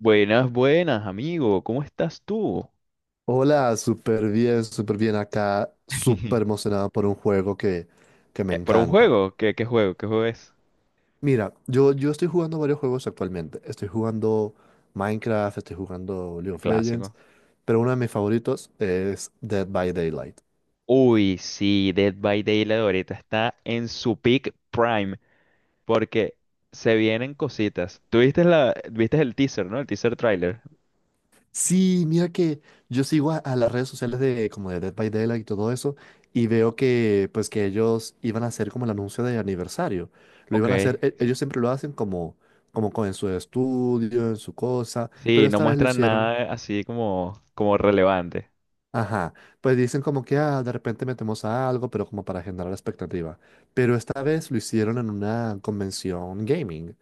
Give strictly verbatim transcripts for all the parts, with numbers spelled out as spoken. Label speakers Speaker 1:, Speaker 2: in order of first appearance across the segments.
Speaker 1: Buenas, buenas, amigo. ¿Cómo estás tú?
Speaker 2: Hola, súper bien, súper bien acá, súper emocionado por un juego que, que me
Speaker 1: Eh, ¿Por un
Speaker 2: encanta.
Speaker 1: juego? ¿Qué, qué juego? ¿Qué juego es?
Speaker 2: Mira, yo, yo estoy jugando varios juegos actualmente. Estoy jugando Minecraft, estoy jugando League
Speaker 1: Un
Speaker 2: of Legends,
Speaker 1: clásico.
Speaker 2: pero uno de mis favoritos es Dead by Daylight.
Speaker 1: Uy, sí, Dead by Daylight ahorita está en su peak prime porque se vienen cositas. ¿Tú viste la, viste el teaser, ¿no? El teaser trailer.
Speaker 2: Sí, mira que yo sigo a, a las redes sociales de como de Dead by Daylight y todo eso y veo que pues que ellos iban a hacer como el anuncio de aniversario. Lo
Speaker 1: Ok.
Speaker 2: iban a hacer, e-
Speaker 1: Sí,
Speaker 2: ellos siempre lo hacen como como con en su estudio, en su cosa,
Speaker 1: sí,
Speaker 2: pero
Speaker 1: no
Speaker 2: esta vez lo
Speaker 1: muestran
Speaker 2: hicieron,
Speaker 1: nada así como, como relevante.
Speaker 2: ajá, pues dicen como que ah, de repente metemos a algo, pero como para generar expectativa. Pero esta vez lo hicieron en una convención gaming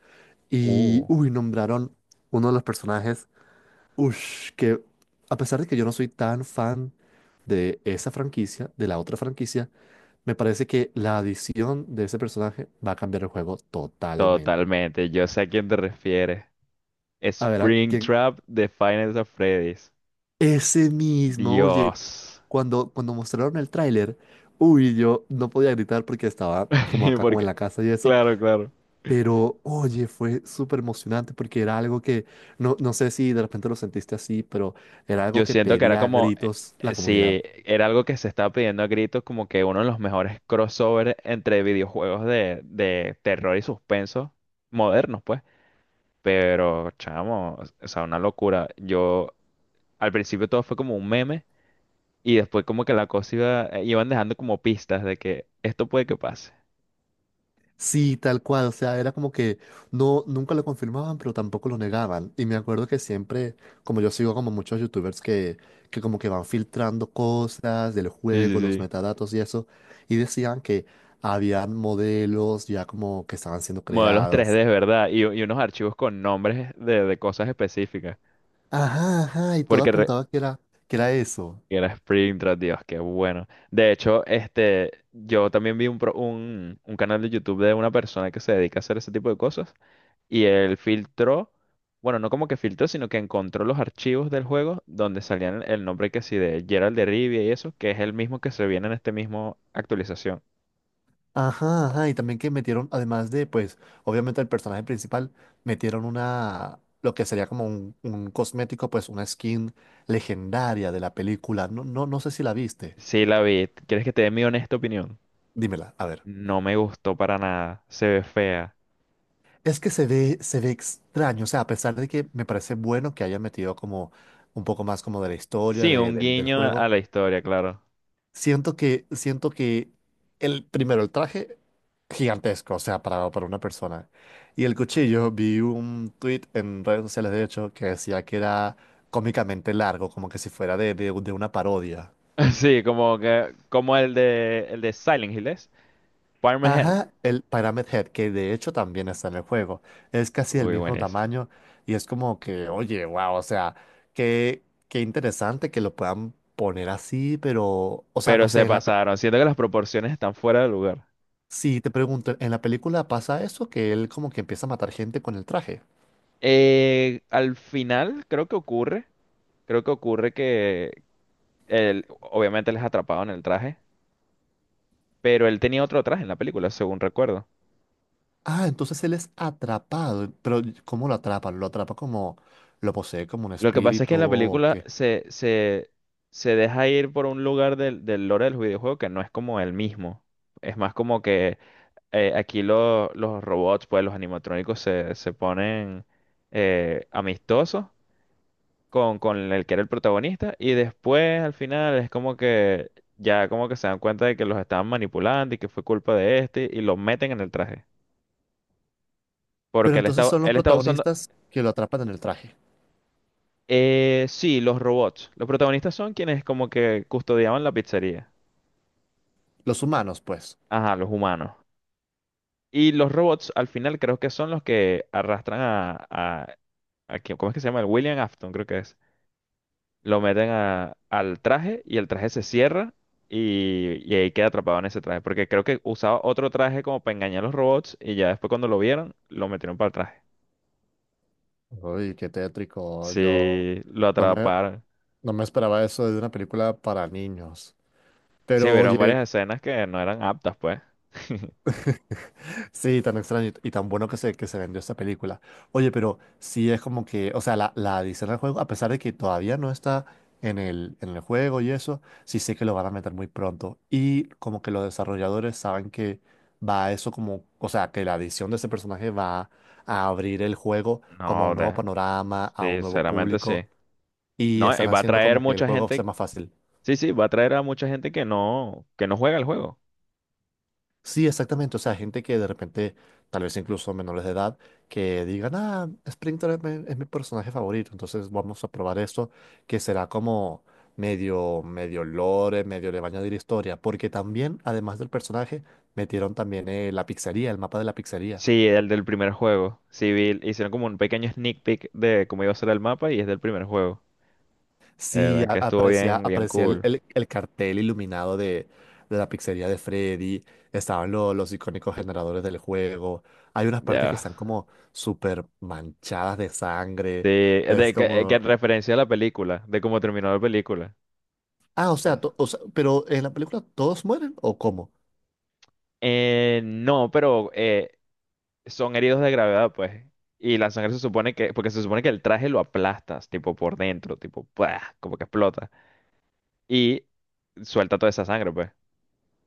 Speaker 2: y
Speaker 1: Uh,
Speaker 2: uy, nombraron uno de los personajes. Ush, que a pesar de que yo no soy tan fan de esa franquicia, de la otra franquicia, me parece que la adición de ese personaje va a cambiar el juego totalmente.
Speaker 1: Totalmente. Yo sé a quién te refieres.
Speaker 2: A ver, ¿a quién?
Speaker 1: Springtrap de Final of Freddy's.
Speaker 2: Ese mismo, oye,
Speaker 1: Dios.
Speaker 2: cuando, cuando mostraron el tráiler, uy, yo no podía gritar porque estaba como acá, como en
Speaker 1: Porque,
Speaker 2: la casa y eso,
Speaker 1: claro, claro.
Speaker 2: pero oye, fue súper emocionante porque era algo que, no, no sé si de repente lo sentiste así, pero era algo
Speaker 1: Yo
Speaker 2: que
Speaker 1: siento que era
Speaker 2: pedía a
Speaker 1: como,
Speaker 2: gritos la
Speaker 1: eh,
Speaker 2: comunidad.
Speaker 1: si era algo que se estaba pidiendo a gritos, como que uno de los mejores crossovers entre videojuegos de, de terror y suspenso modernos, pues. Pero, chamo, o sea, una locura. Yo, al principio todo fue como un meme y después como que la cosa iba, eh, iban dejando como pistas de que esto puede que pase.
Speaker 2: Sí, tal cual, o sea, era como que no, nunca lo confirmaban, pero tampoco lo negaban. Y me acuerdo que siempre, como yo sigo como muchos youtubers que, que como que van filtrando cosas del
Speaker 1: Sí, sí,
Speaker 2: juego, los
Speaker 1: sí.
Speaker 2: metadatos y eso, y decían que había modelos ya como que estaban siendo
Speaker 1: Modelos
Speaker 2: creados.
Speaker 1: tres D, ¿verdad? Y, y unos archivos con nombres de, de cosas específicas.
Speaker 2: Ajá, ajá, y todo
Speaker 1: Porque re-
Speaker 2: apuntaba que era, que era eso.
Speaker 1: Era Spring Tras Dios, qué bueno. De hecho, este, yo también vi un, pro- un, un canal de YouTube de una persona que se dedica a hacer ese tipo de cosas y él filtró, bueno, no como que filtró, sino que encontró los archivos del juego donde salían el nombre que sí de Gerald de Rivia y eso, que es el mismo que se viene en este mismo actualización.
Speaker 2: Ajá, ajá, y también que metieron, además de, pues, obviamente el personaje principal, metieron una, lo que sería como un, un cosmético, pues, una skin legendaria de la película. No, no, no sé si la viste.
Speaker 1: Sí, la vi. ¿Quieres que te dé mi honesta opinión?
Speaker 2: Dímela, a ver.
Speaker 1: No me gustó para nada. Se ve fea.
Speaker 2: Es que se ve, se ve extraño, o sea, a pesar de que me parece bueno que hayan metido como un poco más como de la historia
Speaker 1: Sí,
Speaker 2: de-
Speaker 1: un
Speaker 2: del del
Speaker 1: guiño a a
Speaker 2: juego.
Speaker 1: la historia, claro.
Speaker 2: Siento que, siento que el primero, el traje gigantesco, o sea, para, para una persona. Y el cuchillo, vi un tweet en redes sociales, de hecho, que decía que era cómicamente largo, como que si fuera de, de, de una parodia.
Speaker 1: Sí, como que, como el de el de Silent Hill, ¿es? Parma Hell.
Speaker 2: Ajá, el Pyramid Head, que de hecho también está en el juego, es casi del
Speaker 1: Uy,
Speaker 2: mismo
Speaker 1: buenísimo.
Speaker 2: tamaño y es como que, oye, wow, o sea, qué, qué interesante que lo puedan poner así, pero, o sea,
Speaker 1: Pero
Speaker 2: no sé,
Speaker 1: se
Speaker 2: en la, pe-
Speaker 1: pasaron. Siento que las proporciones están fuera de lugar.
Speaker 2: sí, te pregunto, en la película pasa eso, que él como que empieza a matar gente con el traje.
Speaker 1: Eh, al final, creo que ocurre. Creo que ocurre que él, obviamente, les atrapado en el traje. Pero él tenía otro traje en la película, según recuerdo.
Speaker 2: Ah, entonces él es atrapado, pero ¿cómo lo atrapa? ¿Lo atrapa como, lo posee como un
Speaker 1: Lo que pasa es que
Speaker 2: espíritu
Speaker 1: en la
Speaker 2: o
Speaker 1: película
Speaker 2: qué?
Speaker 1: se, se, se deja ir por un lugar del, del lore del videojuego que no es como el mismo. Es más como que eh, aquí lo- los robots, pues los animatrónicos se, se ponen eh, amistosos con, con el que era el protagonista y después al final es como que ya como que se dan cuenta de que los estaban manipulando y que fue culpa de este y los meten en el traje.
Speaker 2: Pero
Speaker 1: Porque él
Speaker 2: entonces
Speaker 1: estaba,
Speaker 2: son los
Speaker 1: él estaba usando,
Speaker 2: protagonistas que lo atrapan en el traje,
Speaker 1: eh, sí, los robots. Los protagonistas son quienes como que custodiaban la pizzería.
Speaker 2: los humanos, pues.
Speaker 1: Ajá, los humanos. Y los robots al final creo que son los que arrastran a, a, a que- ¿cómo es que se llama? El William Afton creo que es. Lo meten a- al traje y el traje se cierra y, y ahí queda atrapado en ese traje. Porque creo que usaba otro traje como para engañar a los robots y ya después cuando lo vieron, lo metieron para el traje.
Speaker 2: Uy, qué tétrico, yo
Speaker 1: Sí, lo
Speaker 2: no me,
Speaker 1: atraparon.
Speaker 2: no me esperaba eso de una película para niños.
Speaker 1: Sí,
Speaker 2: Pero
Speaker 1: vieron
Speaker 2: oye,
Speaker 1: varias escenas que no eran aptas, pues.
Speaker 2: sí, tan extraño y y tan bueno que se, que se vendió esta película. Oye, pero sí es como que, o sea, la, la adición al juego, a pesar de que todavía no está en el, en el juego y eso, sí sé que lo van a meter muy pronto. Y como que los desarrolladores saben que va eso como, o sea, que la adición de ese personaje va a abrir el juego como a
Speaker 1: No,
Speaker 2: un nuevo
Speaker 1: de-
Speaker 2: panorama, a un
Speaker 1: sí,
Speaker 2: nuevo
Speaker 1: sinceramente sí.
Speaker 2: público, y
Speaker 1: No, eh,
Speaker 2: están
Speaker 1: va a
Speaker 2: haciendo
Speaker 1: traer
Speaker 2: como que el
Speaker 1: mucha
Speaker 2: juego sea
Speaker 1: gente.
Speaker 2: más fácil.
Speaker 1: Sí, sí, va a traer a mucha gente que no, que no juega el juego.
Speaker 2: Sí, exactamente. O sea, gente que de repente, tal vez incluso menores de edad, que digan, ah, Splinter es mi, es mi personaje favorito, entonces vamos a probar esto, que será como medio, medio lore, medio le van a añadir historia, porque también, además del personaje, metieron también eh, la pizzería, el mapa de la pizzería.
Speaker 1: Sí, el del primer juego. Sí, vi- hicieron como un pequeño sneak peek de cómo iba a ser el mapa y es del primer juego. La
Speaker 2: Sí,
Speaker 1: verdad
Speaker 2: a-
Speaker 1: que estuvo
Speaker 2: aparecía,
Speaker 1: bien, bien
Speaker 2: aparecía el,
Speaker 1: cool.
Speaker 2: el- el cartel iluminado de, de la pizzería de Freddy, estaban lo- los icónicos generadores del juego, hay unas partes que
Speaker 1: Ya.
Speaker 2: están como súper manchadas de
Speaker 1: Sí,
Speaker 2: sangre,
Speaker 1: eh,
Speaker 2: es
Speaker 1: de, que, eh, que en
Speaker 2: como...
Speaker 1: referencia a la película, de cómo terminó la película.
Speaker 2: Ah, o sea,
Speaker 1: Ya.
Speaker 2: to- o sea, pero en la película, ¿todos mueren o cómo?
Speaker 1: Eh, no, pero eh, son heridos de gravedad, pues. Y la sangre se supone que, porque se supone que el traje lo aplastas, tipo por dentro, tipo, ¡pua! Como que explota. Y suelta toda esa sangre, pues.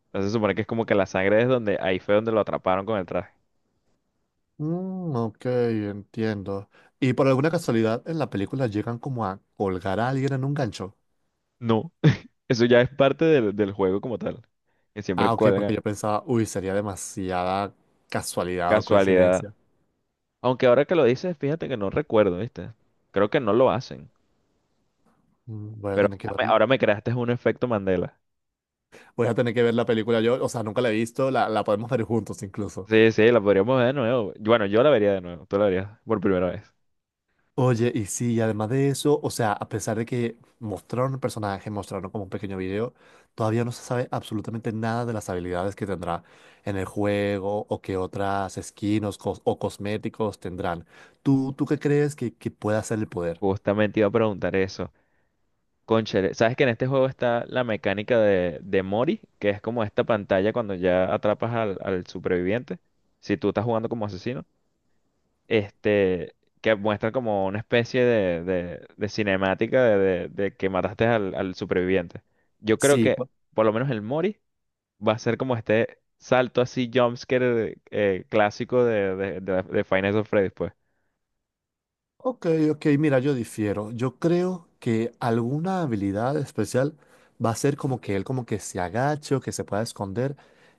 Speaker 1: Entonces se supone que es como que la sangre es donde, ahí fue donde lo atraparon con el traje.
Speaker 2: Mm, ok, entiendo. Y por alguna casualidad en la película llegan como a colgar a alguien en un gancho.
Speaker 1: No, eso ya es parte del, del juego como tal. Que siempre
Speaker 2: Ah, ok, porque
Speaker 1: cuelga.
Speaker 2: yo pensaba, uy, sería demasiada casualidad o
Speaker 1: Casualidad.
Speaker 2: coincidencia.
Speaker 1: Aunque ahora que lo dices, fíjate que no recuerdo, ¿viste? Creo que no lo hacen.
Speaker 2: Mm, voy a
Speaker 1: Pero
Speaker 2: tener que
Speaker 1: ahora
Speaker 2: ver.
Speaker 1: me ahora me creaste un efecto Mandela.
Speaker 2: Voy a tener que ver la película yo, o sea, nunca la he visto, la, la podemos ver juntos incluso.
Speaker 1: Sí, sí, la podríamos ver de nuevo. Yo- Bueno, yo la vería de nuevo. Tú la verías por primera vez.
Speaker 2: Oye, y sí, y además de eso, o sea, a pesar de que mostraron el personaje, mostraron como un pequeño video, todavía no se sabe absolutamente nada de las habilidades que tendrá en el juego o qué otras skins o, cos- o cosméticos tendrán. ¿Tú, tú qué crees que, que pueda ser el poder?
Speaker 1: Justamente iba a preguntar eso. Cónchale, ¿sabes que en este juego está la mecánica de, de Mori? Que es como esta pantalla cuando ya atrapas al, al superviviente. Si tú estás jugando como asesino. este, que muestran como una especie de, de- de cinemática de, de- de que mataste al, al superviviente. Yo creo
Speaker 2: Sí,
Speaker 1: que
Speaker 2: cu-
Speaker 1: por lo menos el Mori va a ser como este salto así jumpscare eh, clásico de, de, de, de Five Nights at Freddy's, pues.
Speaker 2: ok, ok, mira, yo difiero. Yo creo que alguna habilidad especial va a ser como que él como que se agache o que se pueda esconder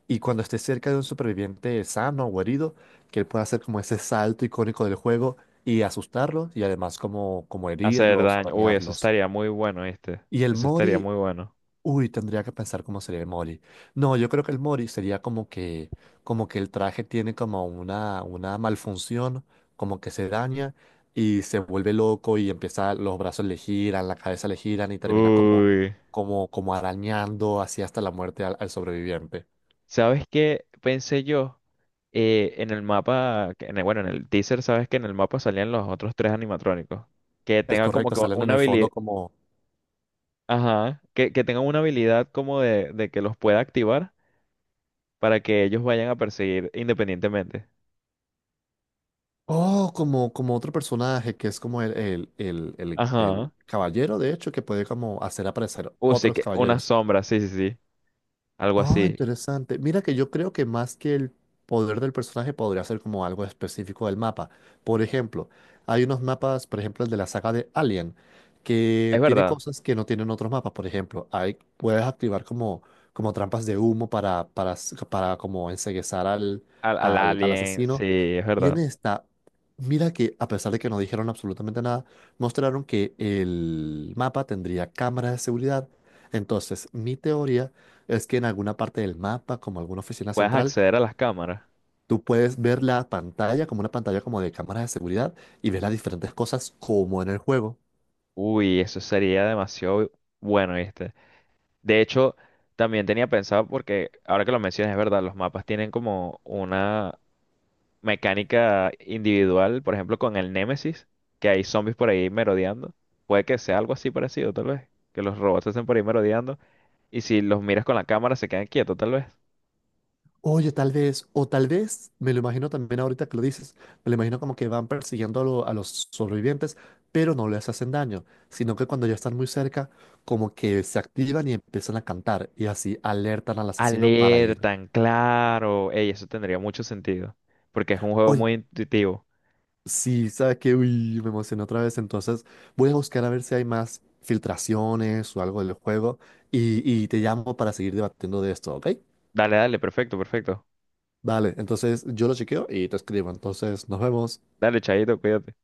Speaker 2: y cuando esté cerca de un superviviente sano o herido, que él pueda hacer como ese salto icónico del juego y asustarlos y además como, como
Speaker 1: Hacer
Speaker 2: herirlos o
Speaker 1: daño. Uy, eso
Speaker 2: dañarlos.
Speaker 1: estaría muy bueno, este.
Speaker 2: Y el
Speaker 1: Eso estaría
Speaker 2: Mori,
Speaker 1: muy bueno.
Speaker 2: uy, tendría que pensar cómo sería el Mori. No, yo creo que el Mori sería como que, como que el traje tiene como una, una malfunción, como que se daña y se vuelve loco y empieza, los brazos le giran, la cabeza le giran y termina como,
Speaker 1: Uy.
Speaker 2: como, como arañando así hasta la muerte al, al sobreviviente.
Speaker 1: ¿Sabes qué pensé yo? Eh, en el mapa, que en el- bueno, en el teaser, sabes que en el mapa salían los otros tres animatrónicos. Que
Speaker 2: Es
Speaker 1: tenga como
Speaker 2: correcto,
Speaker 1: que
Speaker 2: salen en
Speaker 1: una
Speaker 2: el fondo
Speaker 1: habilidad.
Speaker 2: como,
Speaker 1: Ajá, que, que tengan una habilidad como de, de que los pueda activar para que ellos vayan a perseguir independientemente.
Speaker 2: oh, como, como otro personaje que es como el, el, el, el,
Speaker 1: Ajá.
Speaker 2: el caballero, de hecho, que puede como hacer aparecer
Speaker 1: Uh, sí,
Speaker 2: otros
Speaker 1: que una
Speaker 2: caballeros.
Speaker 1: sombra, sí, sí, sí. Algo
Speaker 2: Ah,
Speaker 1: así.
Speaker 2: interesante. Mira que yo creo que más que el poder del personaje podría ser como algo específico del mapa. Por ejemplo, hay unos mapas, por ejemplo, el de la saga de Alien,
Speaker 1: Es
Speaker 2: que tiene
Speaker 1: verdad.
Speaker 2: cosas que no tienen otros mapas. Por ejemplo, hay, puedes activar como, como trampas de humo para, para, s- para como enceguezar al,
Speaker 1: Al, al
Speaker 2: al, al
Speaker 1: alien, sí,
Speaker 2: asesino.
Speaker 1: es
Speaker 2: Y
Speaker 1: verdad.
Speaker 2: en esta, mira que a pesar de que no dijeron absolutamente nada, mostraron que el mapa tendría cámaras de seguridad. Entonces, mi teoría es que en alguna parte del mapa, como alguna oficina
Speaker 1: Puedes
Speaker 2: central,
Speaker 1: acceder a las cámaras.
Speaker 2: tú puedes ver la pantalla como una pantalla como de cámaras de seguridad y ver las diferentes cosas como en el juego.
Speaker 1: Uy, eso sería demasiado bueno, ¿viste? De hecho, también tenía pensado porque ahora que lo mencionas, es verdad, los mapas tienen como una mecánica individual, por ejemplo, con el Némesis, que hay zombies por ahí merodeando. Puede que sea algo así parecido, tal vez. Que los robots estén por ahí merodeando. Y si los miras con la cámara, se quedan quietos, tal vez.
Speaker 2: Oye, tal vez, o tal vez, me lo imagino también ahorita que lo dices, me lo imagino como que van persiguiendo a, lo- a los sobrevivientes, pero no les hacen daño, sino que cuando ya están muy cerca, como que se activan y empiezan a cantar y así alertan al asesino para ir.
Speaker 1: Alertan, claro. Ey, eso tendría mucho sentido. Porque es un juego
Speaker 2: Oye,
Speaker 1: muy intuitivo.
Speaker 2: sí, sabes que, uy, me emocioné otra vez. Entonces, voy a buscar a ver si hay más filtraciones o algo del juego y, y te llamo para seguir debatiendo de esto, ¿ok?
Speaker 1: Dale, dale, perfecto, perfecto.
Speaker 2: Vale, entonces yo lo chequeo y te escribo. Entonces, nos vemos.
Speaker 1: Dale, Chaito, cuídate.